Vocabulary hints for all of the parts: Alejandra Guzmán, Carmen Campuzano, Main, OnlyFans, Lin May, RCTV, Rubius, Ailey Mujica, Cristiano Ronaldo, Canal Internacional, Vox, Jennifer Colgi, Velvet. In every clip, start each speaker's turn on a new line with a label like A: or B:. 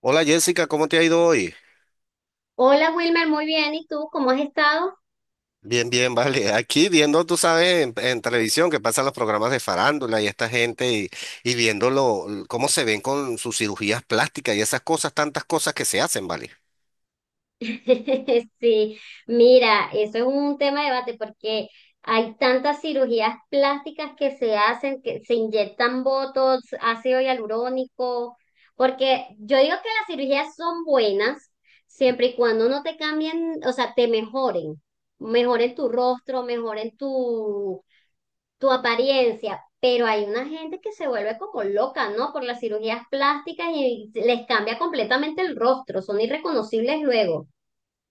A: Hola Jessica, ¿cómo te ha ido hoy?
B: Hola Wilmer, muy bien. ¿Y tú cómo has estado?
A: Bien, bien, vale. Aquí viendo, tú sabes, en televisión que pasan los programas de farándula y esta gente y viendo cómo se ven con sus cirugías plásticas y esas cosas, tantas cosas que se hacen, ¿vale?
B: Sí, mira, eso es un tema de debate porque hay tantas cirugías plásticas que se hacen, que se inyectan botox, ácido hialurónico, porque yo digo que las cirugías son buenas siempre y cuando no te cambien, o sea, te mejoren, mejoren tu rostro, mejoren tu apariencia, pero hay una gente que se vuelve como loca, ¿no? Por las cirugías plásticas y les cambia completamente el rostro, son irreconocibles luego.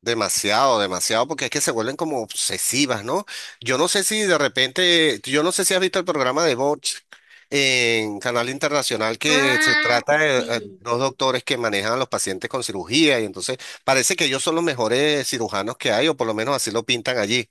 A: Demasiado, demasiado, porque es que se vuelven como obsesivas, ¿no? Yo no sé si de repente, yo no sé si has visto el programa de Vox en Canal Internacional que se
B: Ah,
A: trata de
B: sí,
A: dos doctores que manejan a los pacientes con cirugía y entonces parece que ellos son los mejores cirujanos que hay, o por lo menos así lo pintan allí.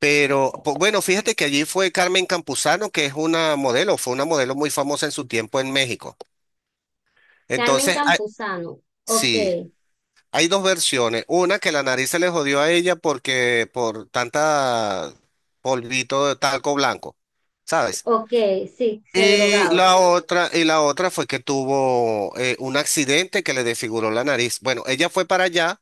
A: Pero pues, bueno, fíjate que allí fue Carmen Campuzano, que es una modelo, fue una modelo muy famosa en su tiempo en México.
B: Carmen
A: Entonces, ah,
B: Campuzano. Ok,
A: sí. Hay dos versiones. Una que la nariz se le jodió a ella porque por tanta polvito de talco blanco, ¿sabes?
B: ok, sí, se drogaba.
A: Y la otra fue que tuvo un accidente que le desfiguró la nariz. Bueno, ella fue para allá.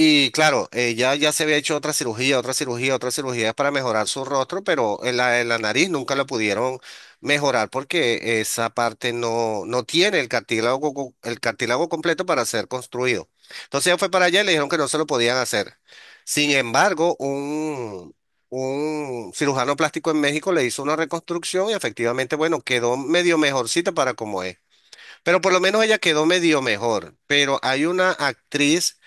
A: Y claro, ella ya se había hecho otra cirugía, otra cirugía, otra cirugía para mejorar su rostro, pero en la nariz nunca la pudieron mejorar porque esa parte no, no tiene el cartílago, el cartílago completo para ser construido. Entonces ella fue para allá y le dijeron que no se lo podían hacer. Sin embargo, un cirujano plástico en México le hizo una reconstrucción y efectivamente, bueno, quedó medio mejorcita para como es. Pero por lo menos ella quedó medio mejor. Pero hay una actriz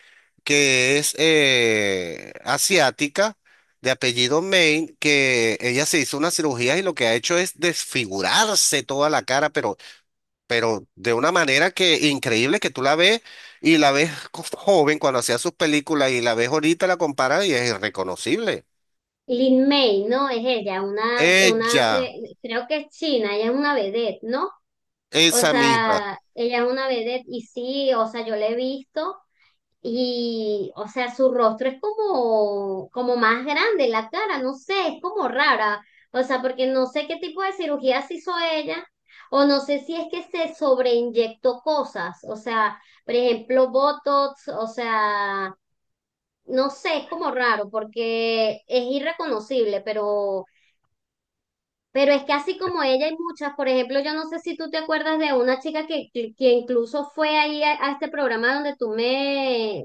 A: que es asiática, de apellido Main, que ella se hizo unas cirugías y lo que ha hecho es desfigurarse toda la cara, pero de una manera que increíble que tú la ves y la ves joven cuando hacía sus películas y la ves ahorita, la comparas y es irreconocible.
B: Lin May, ¿no? Es ella,
A: Ella,
B: creo que es china, ella es una vedette, ¿no? O
A: esa misma.
B: sea, ella es una vedette y sí, o sea, yo la he visto y, o sea, su rostro es como, como más grande, la cara, no sé, es como rara, o sea, porque no sé qué tipo de cirugías hizo ella, o no sé si es que se sobreinyectó cosas, o sea, por ejemplo, Botox, o sea... No sé, es como raro porque es irreconocible, pero es que así como ella hay muchas, por ejemplo, yo no sé si tú te acuerdas de una chica que incluso fue ahí a este programa donde tú me,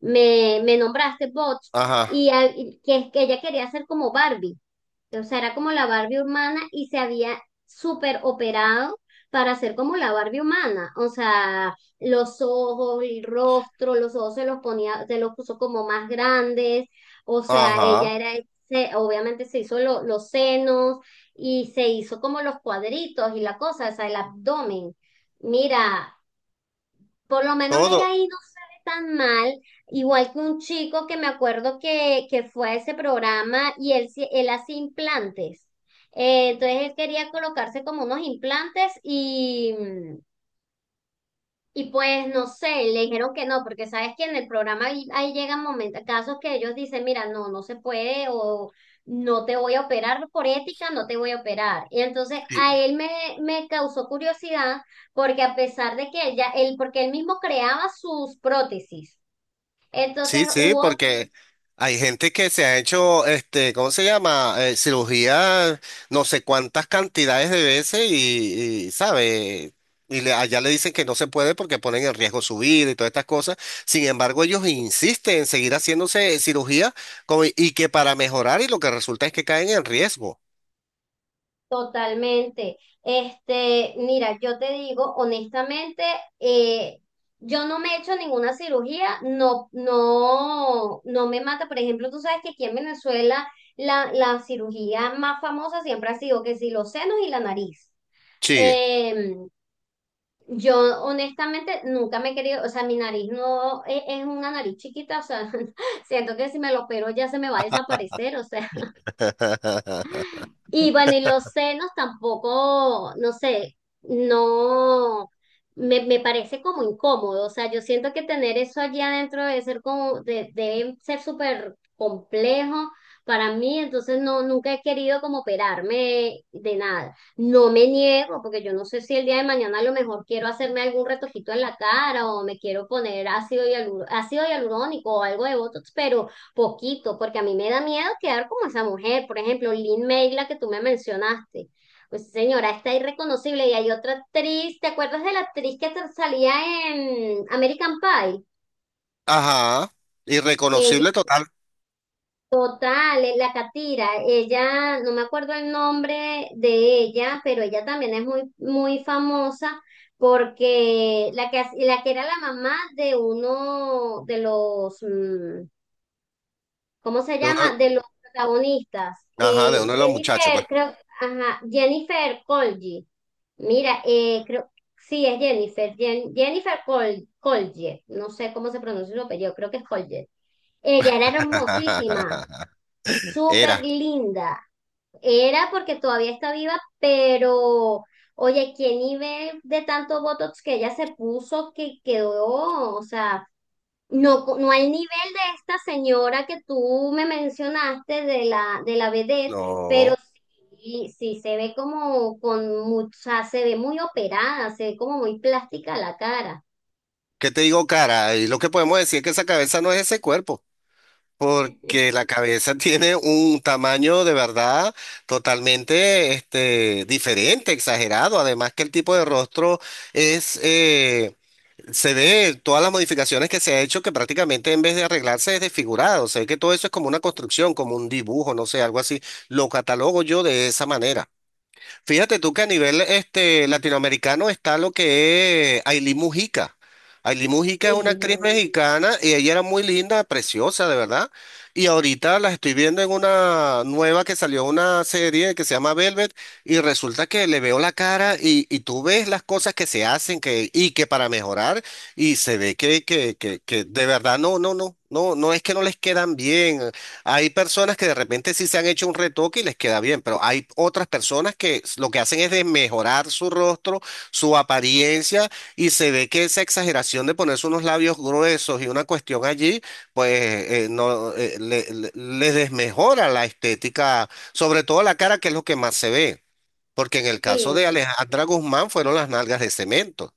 B: me, me nombraste, Bots,
A: Ajá,
B: y, y que, es que ella quería ser como Barbie. O sea, era como la Barbie humana y se había súper operado para ser como la Barbie humana. O sea, los ojos, el rostro, los ojos se los ponía, se los puso como más grandes. O sea,
A: ajá.
B: ella era, obviamente se hizo los senos y se hizo como los cuadritos y la cosa, o sea, el abdomen. Mira, por lo menos
A: Todo.
B: ella ahí no se ve tan mal, igual que un chico que me acuerdo que fue a ese programa y él, él hace implantes. Entonces él quería colocarse como unos implantes y pues no sé, le dijeron que no, porque sabes que en el programa ahí llegan momentos, casos que ellos dicen, mira, no, no se puede o no te voy a operar por ética, no te voy a operar. Y entonces
A: Sí.
B: me causó curiosidad porque a pesar de que él ya, él, porque él mismo creaba sus prótesis, entonces
A: Sí, sí,
B: hubo
A: porque hay gente que se ha hecho, este, ¿cómo se llama? Cirugía no sé cuántas cantidades de veces y, ¿sabe? Allá le dicen que no se puede porque ponen en riesgo su vida y todas estas cosas. Sin embargo, ellos insisten en seguir haciéndose cirugía y que para mejorar y lo que resulta es que caen en riesgo.
B: Totalmente. Este, mira, yo te digo, honestamente, eh, yo no me he hecho ninguna cirugía, no, no, no me mata. Por ejemplo, tú sabes que aquí en Venezuela la cirugía más famosa siempre ha sido que si los senos y la nariz.
A: Sí,
B: Eh, yo honestamente nunca me he querido, o sea, mi nariz no es, es una nariz chiquita, o sea, siento que si me lo opero ya se me va a desaparecer, o sea. Y bueno, y los senos tampoco, no sé, no, me parece como incómodo, o sea, yo siento que tener eso allí adentro debe ser como, debe ser súper complejo para mí, entonces no, nunca he querido como operarme de nada. No me niego, porque yo no sé si el día de mañana a lo mejor quiero hacerme algún retojito en la cara o me quiero poner ácido hialurónico o algo de Botox, pero Poquito, porque a mí me da miedo quedar como esa mujer. Por ejemplo, Lynn May, la que tú me mencionaste. Pues señora, está irreconocible. Y hay otra actriz, ¿te acuerdas de la actriz que salía en American Pie?
A: ajá,
B: Ella,
A: irreconocible total
B: otra, la Catira, ella, no me acuerdo el nombre de ella, pero ella también es muy, muy famosa porque la que, la que era la mamá de uno de los, ¿cómo se
A: de uno,
B: llama? De los protagonistas.
A: ajá, de uno de los muchachos, pues.
B: Jennifer, creo, ajá, Jennifer Colgi. Mira, creo, sí, es Jennifer, Jennifer Colge, no sé cómo se pronuncia su apellido, creo que es Colge. Ella era hermosísima,
A: Era,
B: súper linda. Era porque todavía está viva, pero oye, qué nivel de tanto Botox que ella se puso que quedó, o sea, no, no al nivel de esta señora que tú me mencionaste de la vedette, pero
A: no.
B: sí, sí se ve como con mucha, se ve muy operada, se ve como muy plástica la cara.
A: ¿Qué te digo, cara? Y lo que podemos decir es que esa cabeza no es ese cuerpo, porque la cabeza tiene un tamaño de verdad totalmente este, diferente, exagerado. Además que el tipo de rostro es, se ve todas las modificaciones que se ha hecho que prácticamente en vez de arreglarse es desfigurado. O sea, que todo eso es como una construcción, como un dibujo, no sé, algo así. Lo catalogo yo de esa manera. Fíjate tú que a nivel este, latinoamericano está lo que es Ailey Mujica. Ailey Mujica es una
B: Sí,
A: actriz mexicana y ella era muy linda, preciosa, de verdad. Y ahorita la estoy viendo en una nueva que salió una serie que se llama Velvet y resulta que le veo la cara y tú ves las cosas que se hacen que, y que para mejorar y se ve que de verdad no, no, no, no, no es que no les quedan bien. Hay personas que de repente sí se han hecho un retoque y les queda bien, pero hay otras personas que lo que hacen es de mejorar su rostro, su apariencia, y se ve que esa exageración de ponerse unos labios gruesos y una cuestión allí, pues no les desmejora la estética, sobre todo la cara, que es lo que más se ve, porque en el caso de
B: sí.
A: Alejandra Guzmán fueron las nalgas de cemento.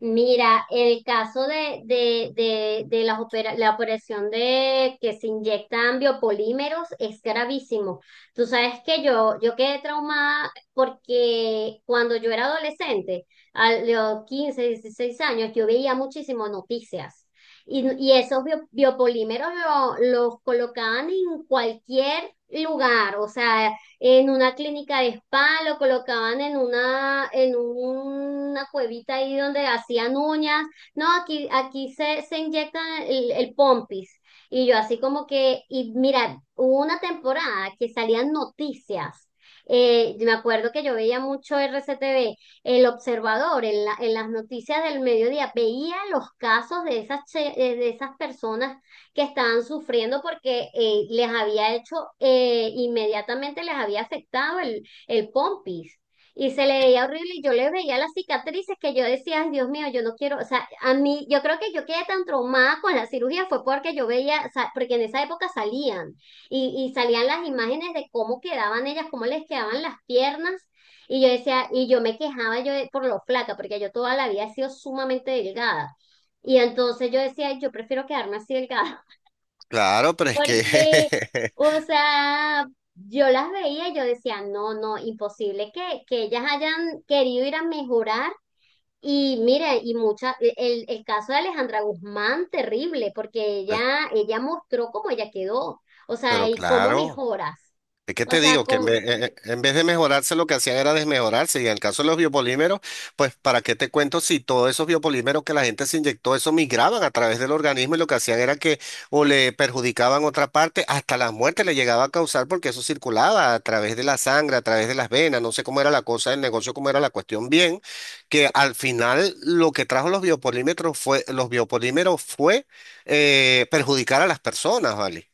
B: Mira, el caso de las la operación de que se inyectan biopolímeros es gravísimo. Tú sabes que yo quedé traumada porque cuando yo era adolescente, a los 15 16 años, yo veía muchísimas noticias. Y esos biopolímeros los colocaban en cualquier lugar, o sea, en una clínica de spa, lo colocaban en una cuevita ahí donde hacían uñas. No, aquí se inyectan el pompis. Y yo así como que, y mira, hubo una temporada que salían noticias. Me acuerdo que yo veía mucho RCTV, el observador en, en las noticias del mediodía, veía los casos de esas, de esas personas que estaban sufriendo porque les había hecho, inmediatamente les había afectado el pompis. Y se le veía horrible y yo le veía las cicatrices que yo decía, ay Dios mío, yo no quiero, o sea, a mí, yo creo que yo quedé tan traumada con la cirugía fue porque yo veía, o sea, porque en esa época salían y salían las imágenes de cómo quedaban ellas, cómo les quedaban las piernas. Y yo decía, y yo me quejaba yo por lo flaca, porque yo toda la vida he sido sumamente delgada. Y entonces yo decía, "Ay, yo prefiero quedarme así delgada.
A: Claro, pero es que,
B: Porque, o sea, yo las veía y yo decía, no, no, imposible que ellas hayan querido ir a mejorar. Y mire, y mucha, e, el caso de Alejandra Guzmán, terrible, porque ella mostró cómo ella quedó, o sea,
A: pero
B: y cómo
A: claro.
B: mejoras.
A: Es que
B: O
A: te
B: sea,
A: digo que
B: con,
A: en vez de mejorarse, lo que hacían era desmejorarse. Y en el caso de los biopolímeros, pues, ¿para qué te cuento si todos esos biopolímeros que la gente se inyectó, eso migraban a través del organismo y lo que hacían era que o le perjudicaban otra parte, hasta las muertes le llegaba a causar porque eso circulaba a través de la sangre, a través de las venas. No sé cómo era la cosa del negocio, cómo era la cuestión bien, que al final lo que trajo los biopolímeros fue perjudicar a las personas, ¿vale?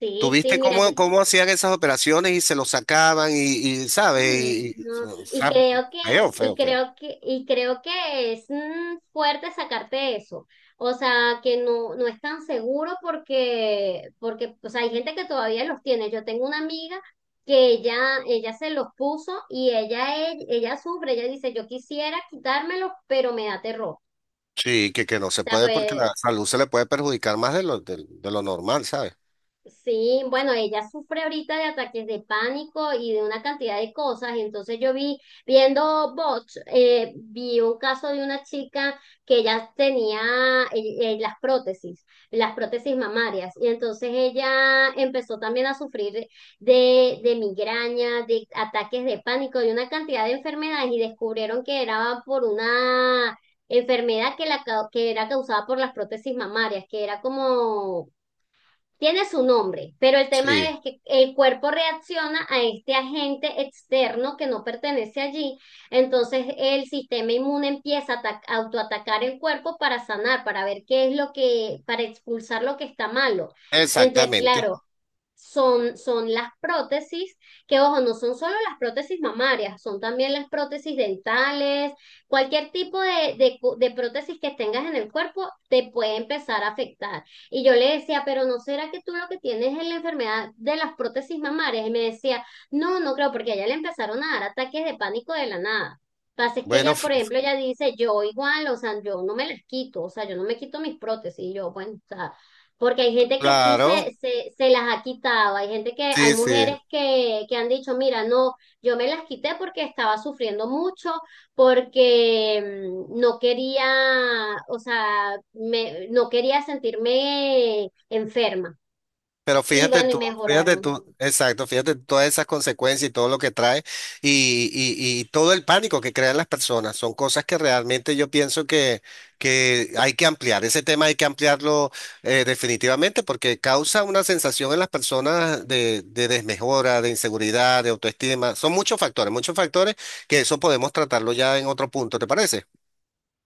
B: sí, sí,
A: ¿Tuviste
B: mira, yo
A: cómo, cómo hacían esas operaciones y se lo sacaban y ¿sabes?
B: Ay, no.
A: O sea, feo, feo, feo.
B: Y creo que es fuerte sacarte eso. O sea, que no, no es tan seguro porque, porque, o sea, hay gente que todavía los tiene. Yo tengo una amiga que ella se los puso y ella sufre, ella dice, yo quisiera quitármelos, pero me da terror. O
A: Sí, que no se
B: sea,
A: puede porque
B: pues,
A: la salud se le puede perjudicar más de lo, de lo normal, ¿sabes?
B: Sí, bueno, ella sufre ahorita de ataques de pánico y de una cantidad de cosas. Entonces yo vi, viendo bots, vi un caso de una chica que ella tenía las prótesis mamarias. Y entonces ella empezó también a sufrir de migraña, de ataques de pánico, de una cantidad de enfermedades y descubrieron que era por una enfermedad que, que era causada por las prótesis mamarias, que era como tiene su nombre, pero el tema
A: Sí,
B: es que el cuerpo reacciona a este agente externo que no pertenece allí, entonces el sistema inmune empieza a autoatacar el cuerpo para sanar, para ver qué es lo que, para expulsar lo que está malo. Entonces,
A: exactamente.
B: claro, son, son las prótesis, que ojo, no son solo las prótesis mamarias, son también las prótesis dentales, cualquier tipo de prótesis que tengas en el cuerpo te puede empezar a afectar. Y yo le decía, pero ¿no será que tú lo que tienes es la enfermedad de las prótesis mamarias? Y me decía, no, no creo, porque a ella le empezaron a dar ataques de pánico de la nada. Pasa es que
A: Bueno,
B: ella, por ejemplo, ella dice, yo igual, o sea, yo no me las quito, o sea, yo no me quito mis prótesis, y yo, bueno, o sea, porque hay gente que sí
A: claro,
B: se las ha quitado, hay gente que, hay
A: sí, sí.
B: mujeres que han dicho, mira, no, yo me las quité porque estaba sufriendo mucho, porque no quería, o sea, no quería sentirme enferma.
A: Pero
B: Y bueno, y
A: fíjate
B: mejoraron.
A: tú, exacto, fíjate todas esas consecuencias y todo lo que trae y, y todo el pánico que crean las personas. Son cosas que realmente yo pienso que hay que ampliar. Ese tema hay que ampliarlo definitivamente porque causa una sensación en las personas de desmejora, de inseguridad, de autoestima. Son muchos factores que eso podemos tratarlo ya en otro punto, ¿te parece?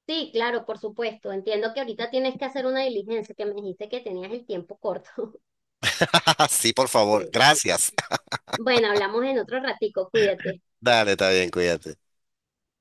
B: Sí, claro, por supuesto. Entiendo que ahorita tienes que hacer una diligencia, que me dijiste que tenías el tiempo corto.
A: Sí, por favor.
B: Sí.
A: Gracias.
B: Bueno, hablamos en otro ratico, cuídate.
A: Dale, está bien, cuídate.